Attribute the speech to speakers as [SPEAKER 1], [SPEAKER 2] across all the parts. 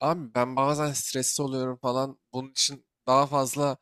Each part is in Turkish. [SPEAKER 1] Abi ben bazen stresli oluyorum falan. Bunun için daha fazla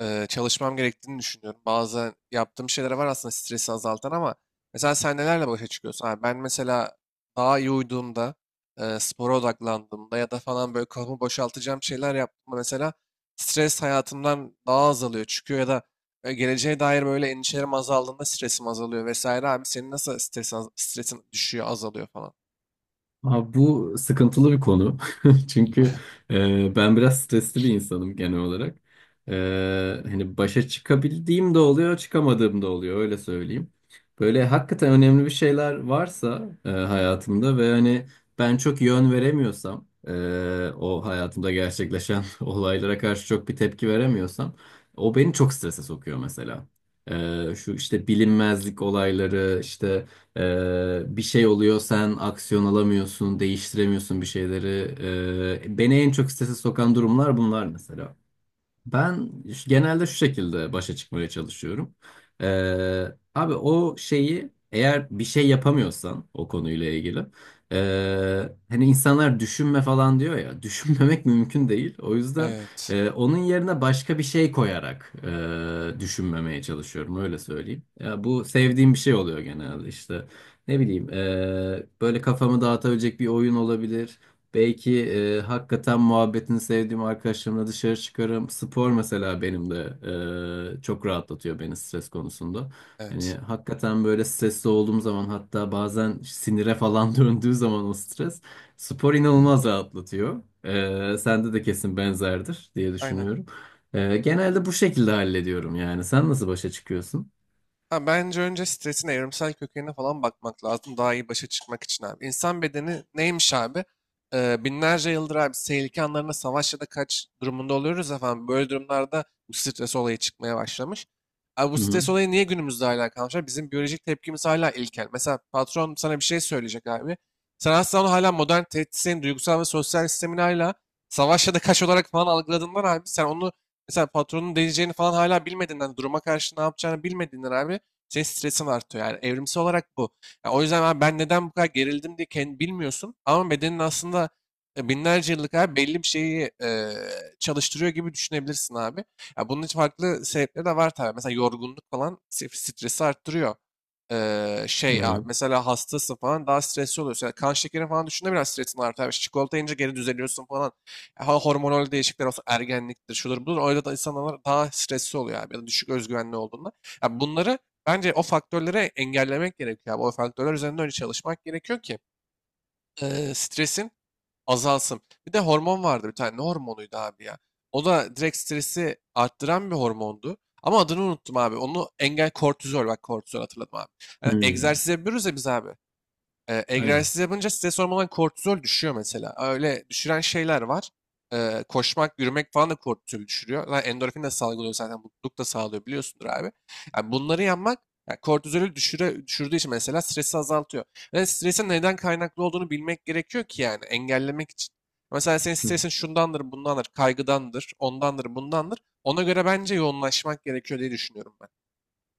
[SPEAKER 1] çalışmam gerektiğini düşünüyorum. Bazen yaptığım şeyler var aslında stresi azaltan ama mesela sen nelerle başa çıkıyorsun? Abi ben mesela daha iyi uyuduğumda, spora odaklandığımda ya da falan böyle kafamı boşaltacağım şeyler yaptığımda mesela stres hayatımdan daha azalıyor, çıkıyor ya da geleceğe dair böyle endişelerim azaldığında stresim azalıyor vesaire. Abi senin nasıl stresin düşüyor, azalıyor falan?
[SPEAKER 2] Abi bu sıkıntılı bir konu. Çünkü ben biraz stresli bir insanım genel olarak. E, Hani başa çıkabildiğim de oluyor, çıkamadığım da oluyor öyle söyleyeyim. Böyle hakikaten önemli bir şeyler varsa hayatımda ve hani ben çok yön veremiyorsam, o hayatımda gerçekleşen olaylara karşı çok bir tepki veremiyorsam, o beni çok strese sokuyor mesela. Şu işte bilinmezlik olayları, işte bir şey oluyor, sen aksiyon alamıyorsun, değiştiremiyorsun bir şeyleri. Beni en çok strese sokan durumlar bunlar mesela. Ben genelde şu şekilde başa çıkmaya çalışıyorum. Ee, Abi o şeyi, eğer bir şey yapamıyorsan o konuyla ilgili hani insanlar düşünme falan diyor ya, düşünmemek mümkün değil. O yüzden
[SPEAKER 1] Evet,
[SPEAKER 2] onun yerine başka bir şey koyarak düşünmemeye çalışıyorum öyle söyleyeyim. Ya, bu
[SPEAKER 1] evet,
[SPEAKER 2] sevdiğim bir şey oluyor genelde, işte ne bileyim, böyle kafamı dağıtabilecek bir oyun olabilir. Belki hakikaten muhabbetini sevdiğim arkadaşlarımla dışarı çıkarım. Spor mesela benim de çok rahatlatıyor beni stres konusunda. Hani
[SPEAKER 1] evet.
[SPEAKER 2] hakikaten böyle stresli olduğum zaman, hatta bazen sinire falan döndüğü zaman o stres, spor inanılmaz rahatlatıyor. Sende de kesin benzerdir diye
[SPEAKER 1] Aynen.
[SPEAKER 2] düşünüyorum. Genelde bu şekilde hallediyorum yani. Sen nasıl başa çıkıyorsun?
[SPEAKER 1] Ha, bence önce stresin evrimsel kökenine falan bakmak lazım daha iyi başa çıkmak için abi. İnsan bedeni neymiş abi? Binlerce yıldır abi tehlike anlarında savaş ya da kaç durumunda oluyoruz efendim. Böyle durumlarda bu stres olayı çıkmaya başlamış. Abi bu
[SPEAKER 2] Hı hı.
[SPEAKER 1] stres olayı niye günümüzde hala kalmış, abi? Bizim biyolojik tepkimiz hala ilkel. Mesela patron sana bir şey söyleyecek abi. Sen aslında onu hala modern tehditlerin duygusal ve sosyal sistemini hala savaş ya da kaç olarak falan algıladığından abi sen onu, mesela patronun diyeceğini falan hala bilmediğinden, duruma karşı ne yapacağını bilmediğinden abi senin stresin artıyor. Yani evrimsel olarak bu. Ya o yüzden abi ben neden bu kadar gerildim diye kendi bilmiyorsun. Ama bedenin aslında binlerce yıllık abi belli bir şeyi çalıştırıyor gibi düşünebilirsin abi. Ya bunun için farklı sebepleri de var tabii. Mesela yorgunluk falan stresi arttırıyor. Şey abi mesela hastasın falan daha stresli oluyorsun. Yani kan şekerin falan düşünde biraz stresin artar. Yani çikolata yiyince geri düzeliyorsun falan. Ha, hormonal değişiklikler olsa ergenliktir, şudur budur. Öyle da insanlar daha stresli oluyor abi. Ya da düşük özgüvenli olduğunda. Ya bunları, bence o faktörleri engellemek gerekiyor abi. O faktörler üzerinde öyle çalışmak gerekiyor ki stresin azalsın. Bir de hormon vardı bir tane. Ne hormonuydu abi ya? O da direkt stresi arttıran bir hormondu. Ama adını unuttum abi. Onu engel kortizol. Bak kortizol hatırladım abi.
[SPEAKER 2] Hı
[SPEAKER 1] Yani
[SPEAKER 2] hı.
[SPEAKER 1] egzersiz yapıyoruz ya biz abi.
[SPEAKER 2] Aynen.
[SPEAKER 1] Egzersiz yapınca stres hormonundan kortizol düşüyor mesela. Öyle düşüren şeyler var. E, koşmak, yürümek falan da kortizol düşürüyor. Lan endorfin de salgılıyor zaten. Mutluluk da sağlıyor biliyorsundur abi. Yani bunları yapmak, yani kortizolü düşürdüğü için mesela stresi azaltıyor. Ve stresin neden kaynaklı olduğunu bilmek gerekiyor ki yani engellemek için. Mesela senin stresin şundandır, bundandır, kaygıdandır, ondandır, bundandır. Ona göre bence yoğunlaşmak gerekiyor diye düşünüyorum ben.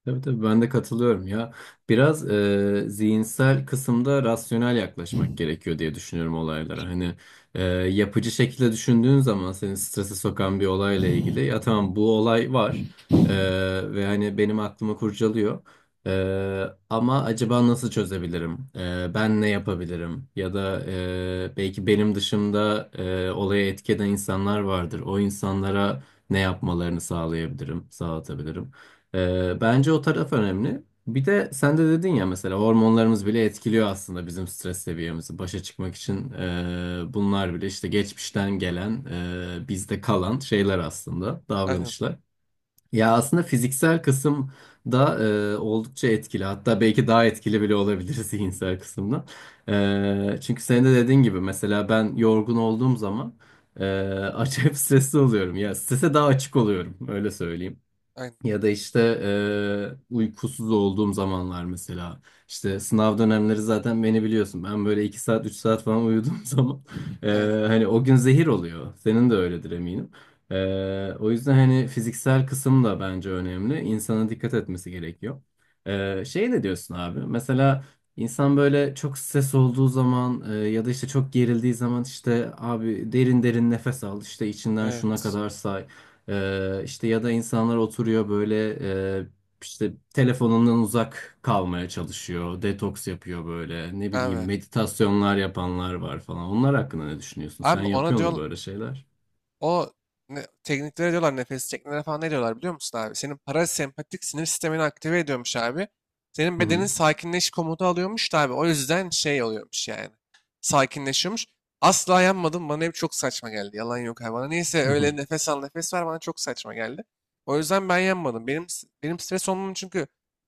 [SPEAKER 2] Tabii tabii, ben de katılıyorum ya. Biraz zihinsel kısımda rasyonel yaklaşmak gerekiyor diye düşünüyorum olaylara. Hani yapıcı şekilde düşündüğün zaman seni strese sokan bir olayla ilgili, ya tamam bu olay var e, ve hani benim aklımı kurcalıyor. Ama acaba nasıl çözebilirim? Ben ne yapabilirim? Ya da belki benim dışımda olaya etki eden insanlar vardır. O insanlara ne yapmalarını sağlayabilirim, sağlatabilirim? Bence o taraf önemli. Bir de sen de dedin ya, mesela hormonlarımız bile etkiliyor aslında bizim stres seviyemizi. Başa çıkmak için bunlar bile işte geçmişten gelen, bizde kalan şeyler aslında,
[SPEAKER 1] Aynen,
[SPEAKER 2] davranışlar. Ya aslında fiziksel kısım da oldukça etkili. Hatta belki daha etkili bile olabilir zihinsel kısımdan. Çünkü senin de dediğin gibi, mesela ben yorgun olduğum zaman e, acayip stresli oluyorum. Ya strese daha açık oluyorum öyle söyleyeyim.
[SPEAKER 1] aynen,
[SPEAKER 2] Ya da işte uykusuz olduğum zamanlar mesela. İşte sınav dönemleri zaten beni biliyorsun. Ben böyle 2 saat 3 saat falan uyuduğum zaman e,
[SPEAKER 1] aynen.
[SPEAKER 2] hani o gün zehir oluyor. Senin de öyledir eminim. O yüzden hani fiziksel kısım da bence önemli. İnsana dikkat etmesi gerekiyor. Şey, ne diyorsun abi? Mesela insan böyle çok stres olduğu zaman ya da işte çok gerildiği zaman, işte abi derin derin nefes al, işte içinden
[SPEAKER 1] Evet,
[SPEAKER 2] şuna kadar say. İşte ya da insanlar oturuyor böyle, e, işte telefonundan uzak kalmaya çalışıyor, detoks yapıyor böyle, ne bileyim
[SPEAKER 1] abi.
[SPEAKER 2] meditasyonlar yapanlar var falan. Onlar hakkında ne düşünüyorsun? Sen
[SPEAKER 1] Abi ona
[SPEAKER 2] yapıyor mu
[SPEAKER 1] diyor,
[SPEAKER 2] böyle şeyler?
[SPEAKER 1] o ne- tekniklere diyorlar nefes çekmelere falan ne diyorlar biliyor musun abi? Senin parasempatik sinir sistemini aktive ediyormuş abi. Senin
[SPEAKER 2] Hı
[SPEAKER 1] bedenin
[SPEAKER 2] hı,
[SPEAKER 1] sakinleş komutu alıyormuş da abi. O yüzden şey oluyormuş yani. Sakinleşiyormuş. Asla yanmadım. Bana hep çok saçma geldi. Yalan yok abi. Bana neyse
[SPEAKER 2] hı hı,
[SPEAKER 1] öyle nefes al nefes ver bana çok saçma geldi. O yüzden ben yanmadım. Benim stres olmam çünkü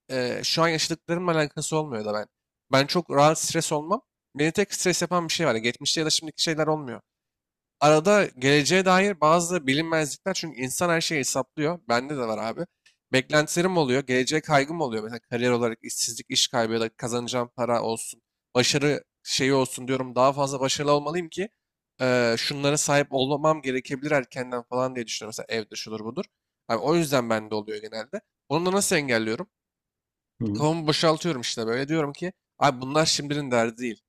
[SPEAKER 1] şu an yaşadıklarımla alakası olmuyor da ben. Ben çok rahat stres olmam. Beni tek stres yapan bir şey var. Geçmişte ya da şimdiki şeyler olmuyor, arada geleceğe dair bazı bilinmezlikler, çünkü insan her şeyi hesaplıyor. Bende de var abi. Beklentilerim oluyor, geleceğe kaygım oluyor. Mesela kariyer olarak işsizlik, iş kaybı ya da kazanacağım para olsun, başarı şeyi olsun diyorum. Daha fazla başarılı olmalıyım ki şunlara sahip olmam gerekebilir erkenden falan diye düşünüyorum. Mesela evde şudur budur. Abi o yüzden bende oluyor genelde. Bunu da nasıl engelliyorum?
[SPEAKER 2] hı hı.
[SPEAKER 1] Kafamı boşaltıyorum işte, böyle diyorum ki abi bunlar şimdinin derdi değil.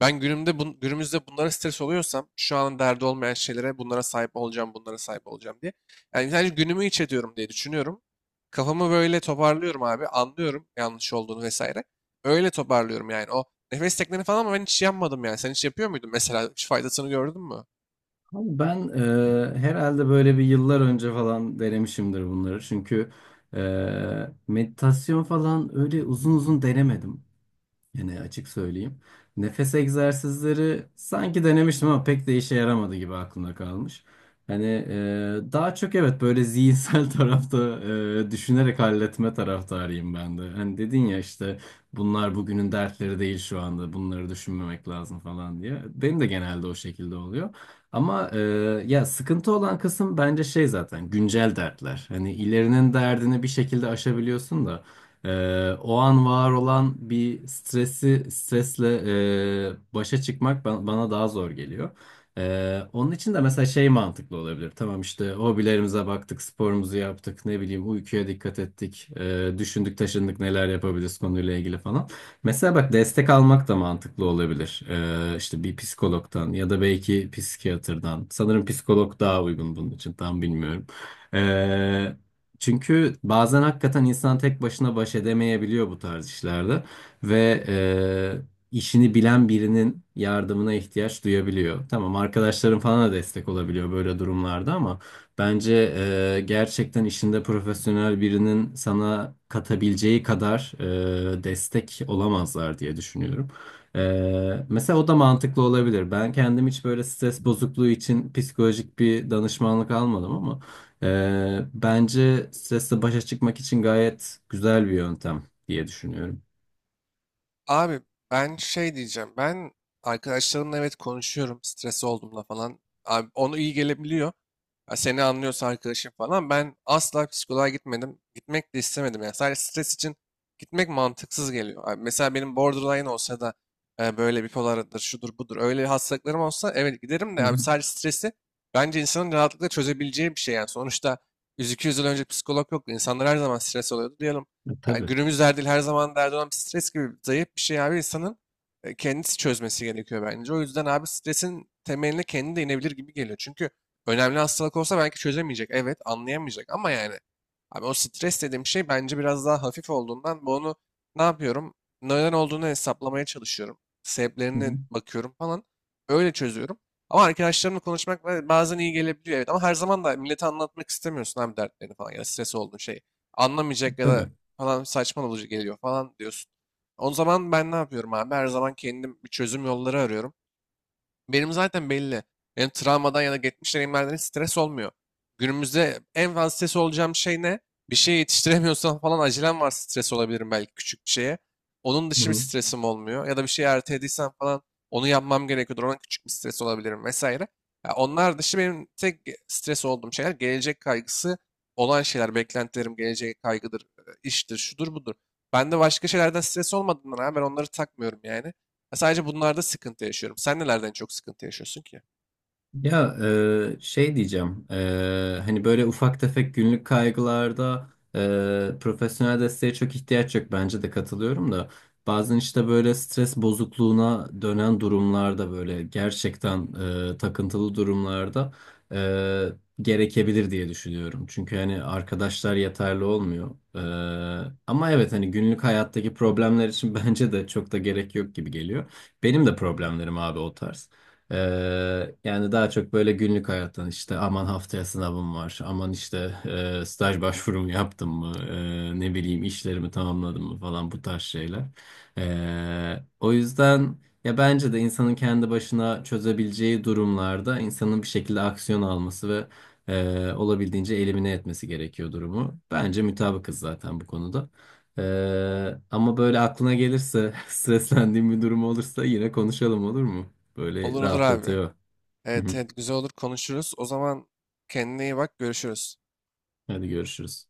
[SPEAKER 1] Ben günümüzde bunlara stres oluyorsam şu an derdi olmayan şeylere, bunlara sahip olacağım, bunlara sahip olacağım diye. Yani sadece günümü iç ediyorum diye düşünüyorum. Kafamı böyle toparlıyorum abi. Anlıyorum yanlış olduğunu vesaire. Öyle toparlıyorum yani. O nefes tekniğini falan ama ben hiç yapmadım yani. Sen hiç yapıyor muydun mesela? Hiç faydasını gördün mü?
[SPEAKER 2] Abi ben herhalde böyle bir yıllar önce falan denemişimdir bunları. Çünkü meditasyon falan öyle uzun uzun denemedim. Yine açık söyleyeyim. Nefes egzersizleri sanki denemiştim ama pek de işe yaramadı gibi aklımda kalmış. Hani daha çok evet böyle zihinsel tarafta düşünerek halletme taraftarıyım ben de. Hani dedin ya işte, bunlar bugünün dertleri değil, şu anda bunları düşünmemek lazım falan diye. Benim de genelde o şekilde oluyor. Ama ya sıkıntı olan kısım bence şey, zaten güncel dertler. Hani ilerinin derdini bir şekilde aşabiliyorsun da. O an var olan bir stresi, stresle başa çıkmak bana daha zor geliyor. Onun için de mesela şey mantıklı olabilir. Tamam işte, hobilerimize baktık, sporumuzu yaptık, ne bileyim uykuya dikkat ettik, düşündük taşındık neler yapabiliriz konuyla ilgili falan. Mesela bak, destek almak da mantıklı olabilir. İşte bir psikologdan ya da belki psikiyatrdan. Sanırım psikolog daha uygun bunun için, tam bilmiyorum. Ee, Çünkü bazen hakikaten insan tek başına baş edemeyebiliyor bu tarz işlerde ve işini bilen birinin yardımına ihtiyaç duyabiliyor. Tamam, arkadaşların falan da destek olabiliyor böyle durumlarda ama bence gerçekten işinde profesyonel birinin sana katabileceği kadar destek olamazlar diye düşünüyorum. Mesela o da mantıklı olabilir. Ben kendim hiç böyle stres bozukluğu için psikolojik bir danışmanlık almadım ama bence stresle başa çıkmak için gayet güzel bir yöntem diye düşünüyorum.
[SPEAKER 1] Abi ben şey diyeceğim. Ben arkadaşlarımla, evet, konuşuyorum. Stres olduğumda falan. Abi onu iyi gelebiliyor. Ya seni anlıyorsa arkadaşım falan. Ben asla psikoloğa gitmedim. Gitmek de istemedim. Yani sadece stres için gitmek mantıksız geliyor. Abi mesela benim borderline olsa da böyle bipolardır, şudur budur. Öyle hastalıklarım olsa evet giderim
[SPEAKER 2] Hı
[SPEAKER 1] de
[SPEAKER 2] hı.
[SPEAKER 1] abi sadece stresi, bence insanın rahatlıkla çözebileceği bir şey yani. Sonuçta 100-200 yıl önce psikolog yoktu. İnsanlar her zaman stres oluyordu. Diyelim,
[SPEAKER 2] E,
[SPEAKER 1] yani
[SPEAKER 2] tabii.
[SPEAKER 1] günümüz derdi her zaman derdi olan bir stres gibi zayıf bir şey, abi insanın kendisi çözmesi gerekiyor bence. O yüzden abi stresin temeline kendi de inebilir gibi geliyor. Çünkü önemli hastalık olsa belki çözemeyecek. Evet anlayamayacak ama yani abi o stres dediğim şey bence biraz daha hafif olduğundan bunu ne yapıyorum? Neden olduğunu hesaplamaya çalışıyorum.
[SPEAKER 2] Hı hı.
[SPEAKER 1] Sebeplerine bakıyorum falan. Öyle çözüyorum. Ama arkadaşlarımla konuşmak bazen iyi gelebiliyor evet, ama her zaman da millete anlatmak istemiyorsun abi dertlerini falan, ya da stres olduğun şeyi anlamayacak ya da
[SPEAKER 2] Tabii.
[SPEAKER 1] falan saçma olucu geliyor falan diyorsun. O zaman ben ne yapıyorum abi? Her zaman kendim bir çözüm yolları arıyorum. Benim zaten belli. Benim travmadan ya da geçmiş deneyimlerden hiç stres olmuyor. Günümüzde en fazla stres olacağım şey ne? Bir şey yetiştiremiyorsam falan, acelem var, stres olabilirim belki küçük bir şeye. Onun
[SPEAKER 2] Hı
[SPEAKER 1] dışı bir
[SPEAKER 2] hı.
[SPEAKER 1] stresim olmuyor. Ya da bir şeyi ertelediysem falan, onu yapmam gerekiyordur. Ona küçük bir stres olabilirim vesaire. Ya onlar dışı benim tek stres olduğum şeyler gelecek kaygısı olan şeyler. Beklentilerim geleceğe kaygıdır, iştir, şudur budur. Ben de başka şeylerden stres olmadığından abi ben onları takmıyorum yani. Ya sadece bunlarda sıkıntı yaşıyorum. Sen nelerden çok sıkıntı yaşıyorsun ki?
[SPEAKER 2] Ya şey diyeceğim, hani böyle ufak tefek günlük kaygılarda profesyonel desteğe çok ihtiyaç yok, bence de katılıyorum da bazen işte böyle stres bozukluğuna dönen durumlarda, böyle gerçekten takıntılı durumlarda e, gerekebilir diye düşünüyorum. Çünkü hani arkadaşlar yeterli olmuyor. E, Ama evet, hani günlük hayattaki problemler için bence de çok da gerek yok gibi geliyor. Benim de problemlerim abi o tarz. Yani daha çok böyle günlük hayattan, işte aman haftaya sınavım var, aman işte staj başvurumu yaptım mı, ne bileyim işlerimi tamamladım mı falan, bu tarz şeyler. O yüzden ya bence de insanın kendi başına çözebileceği durumlarda insanın bir şekilde aksiyon alması ve olabildiğince elimine etmesi gerekiyor durumu. Bence mutabıkız zaten bu konuda. Ama böyle aklına gelirse, streslendiğim bir durum olursa yine konuşalım, olur mu? Böyle
[SPEAKER 1] Olur olur abi.
[SPEAKER 2] rahatlatıyor. Hı
[SPEAKER 1] Evet,
[SPEAKER 2] hı.
[SPEAKER 1] evet güzel olur konuşuruz. O zaman kendine iyi bak, görüşürüz.
[SPEAKER 2] Hadi görüşürüz.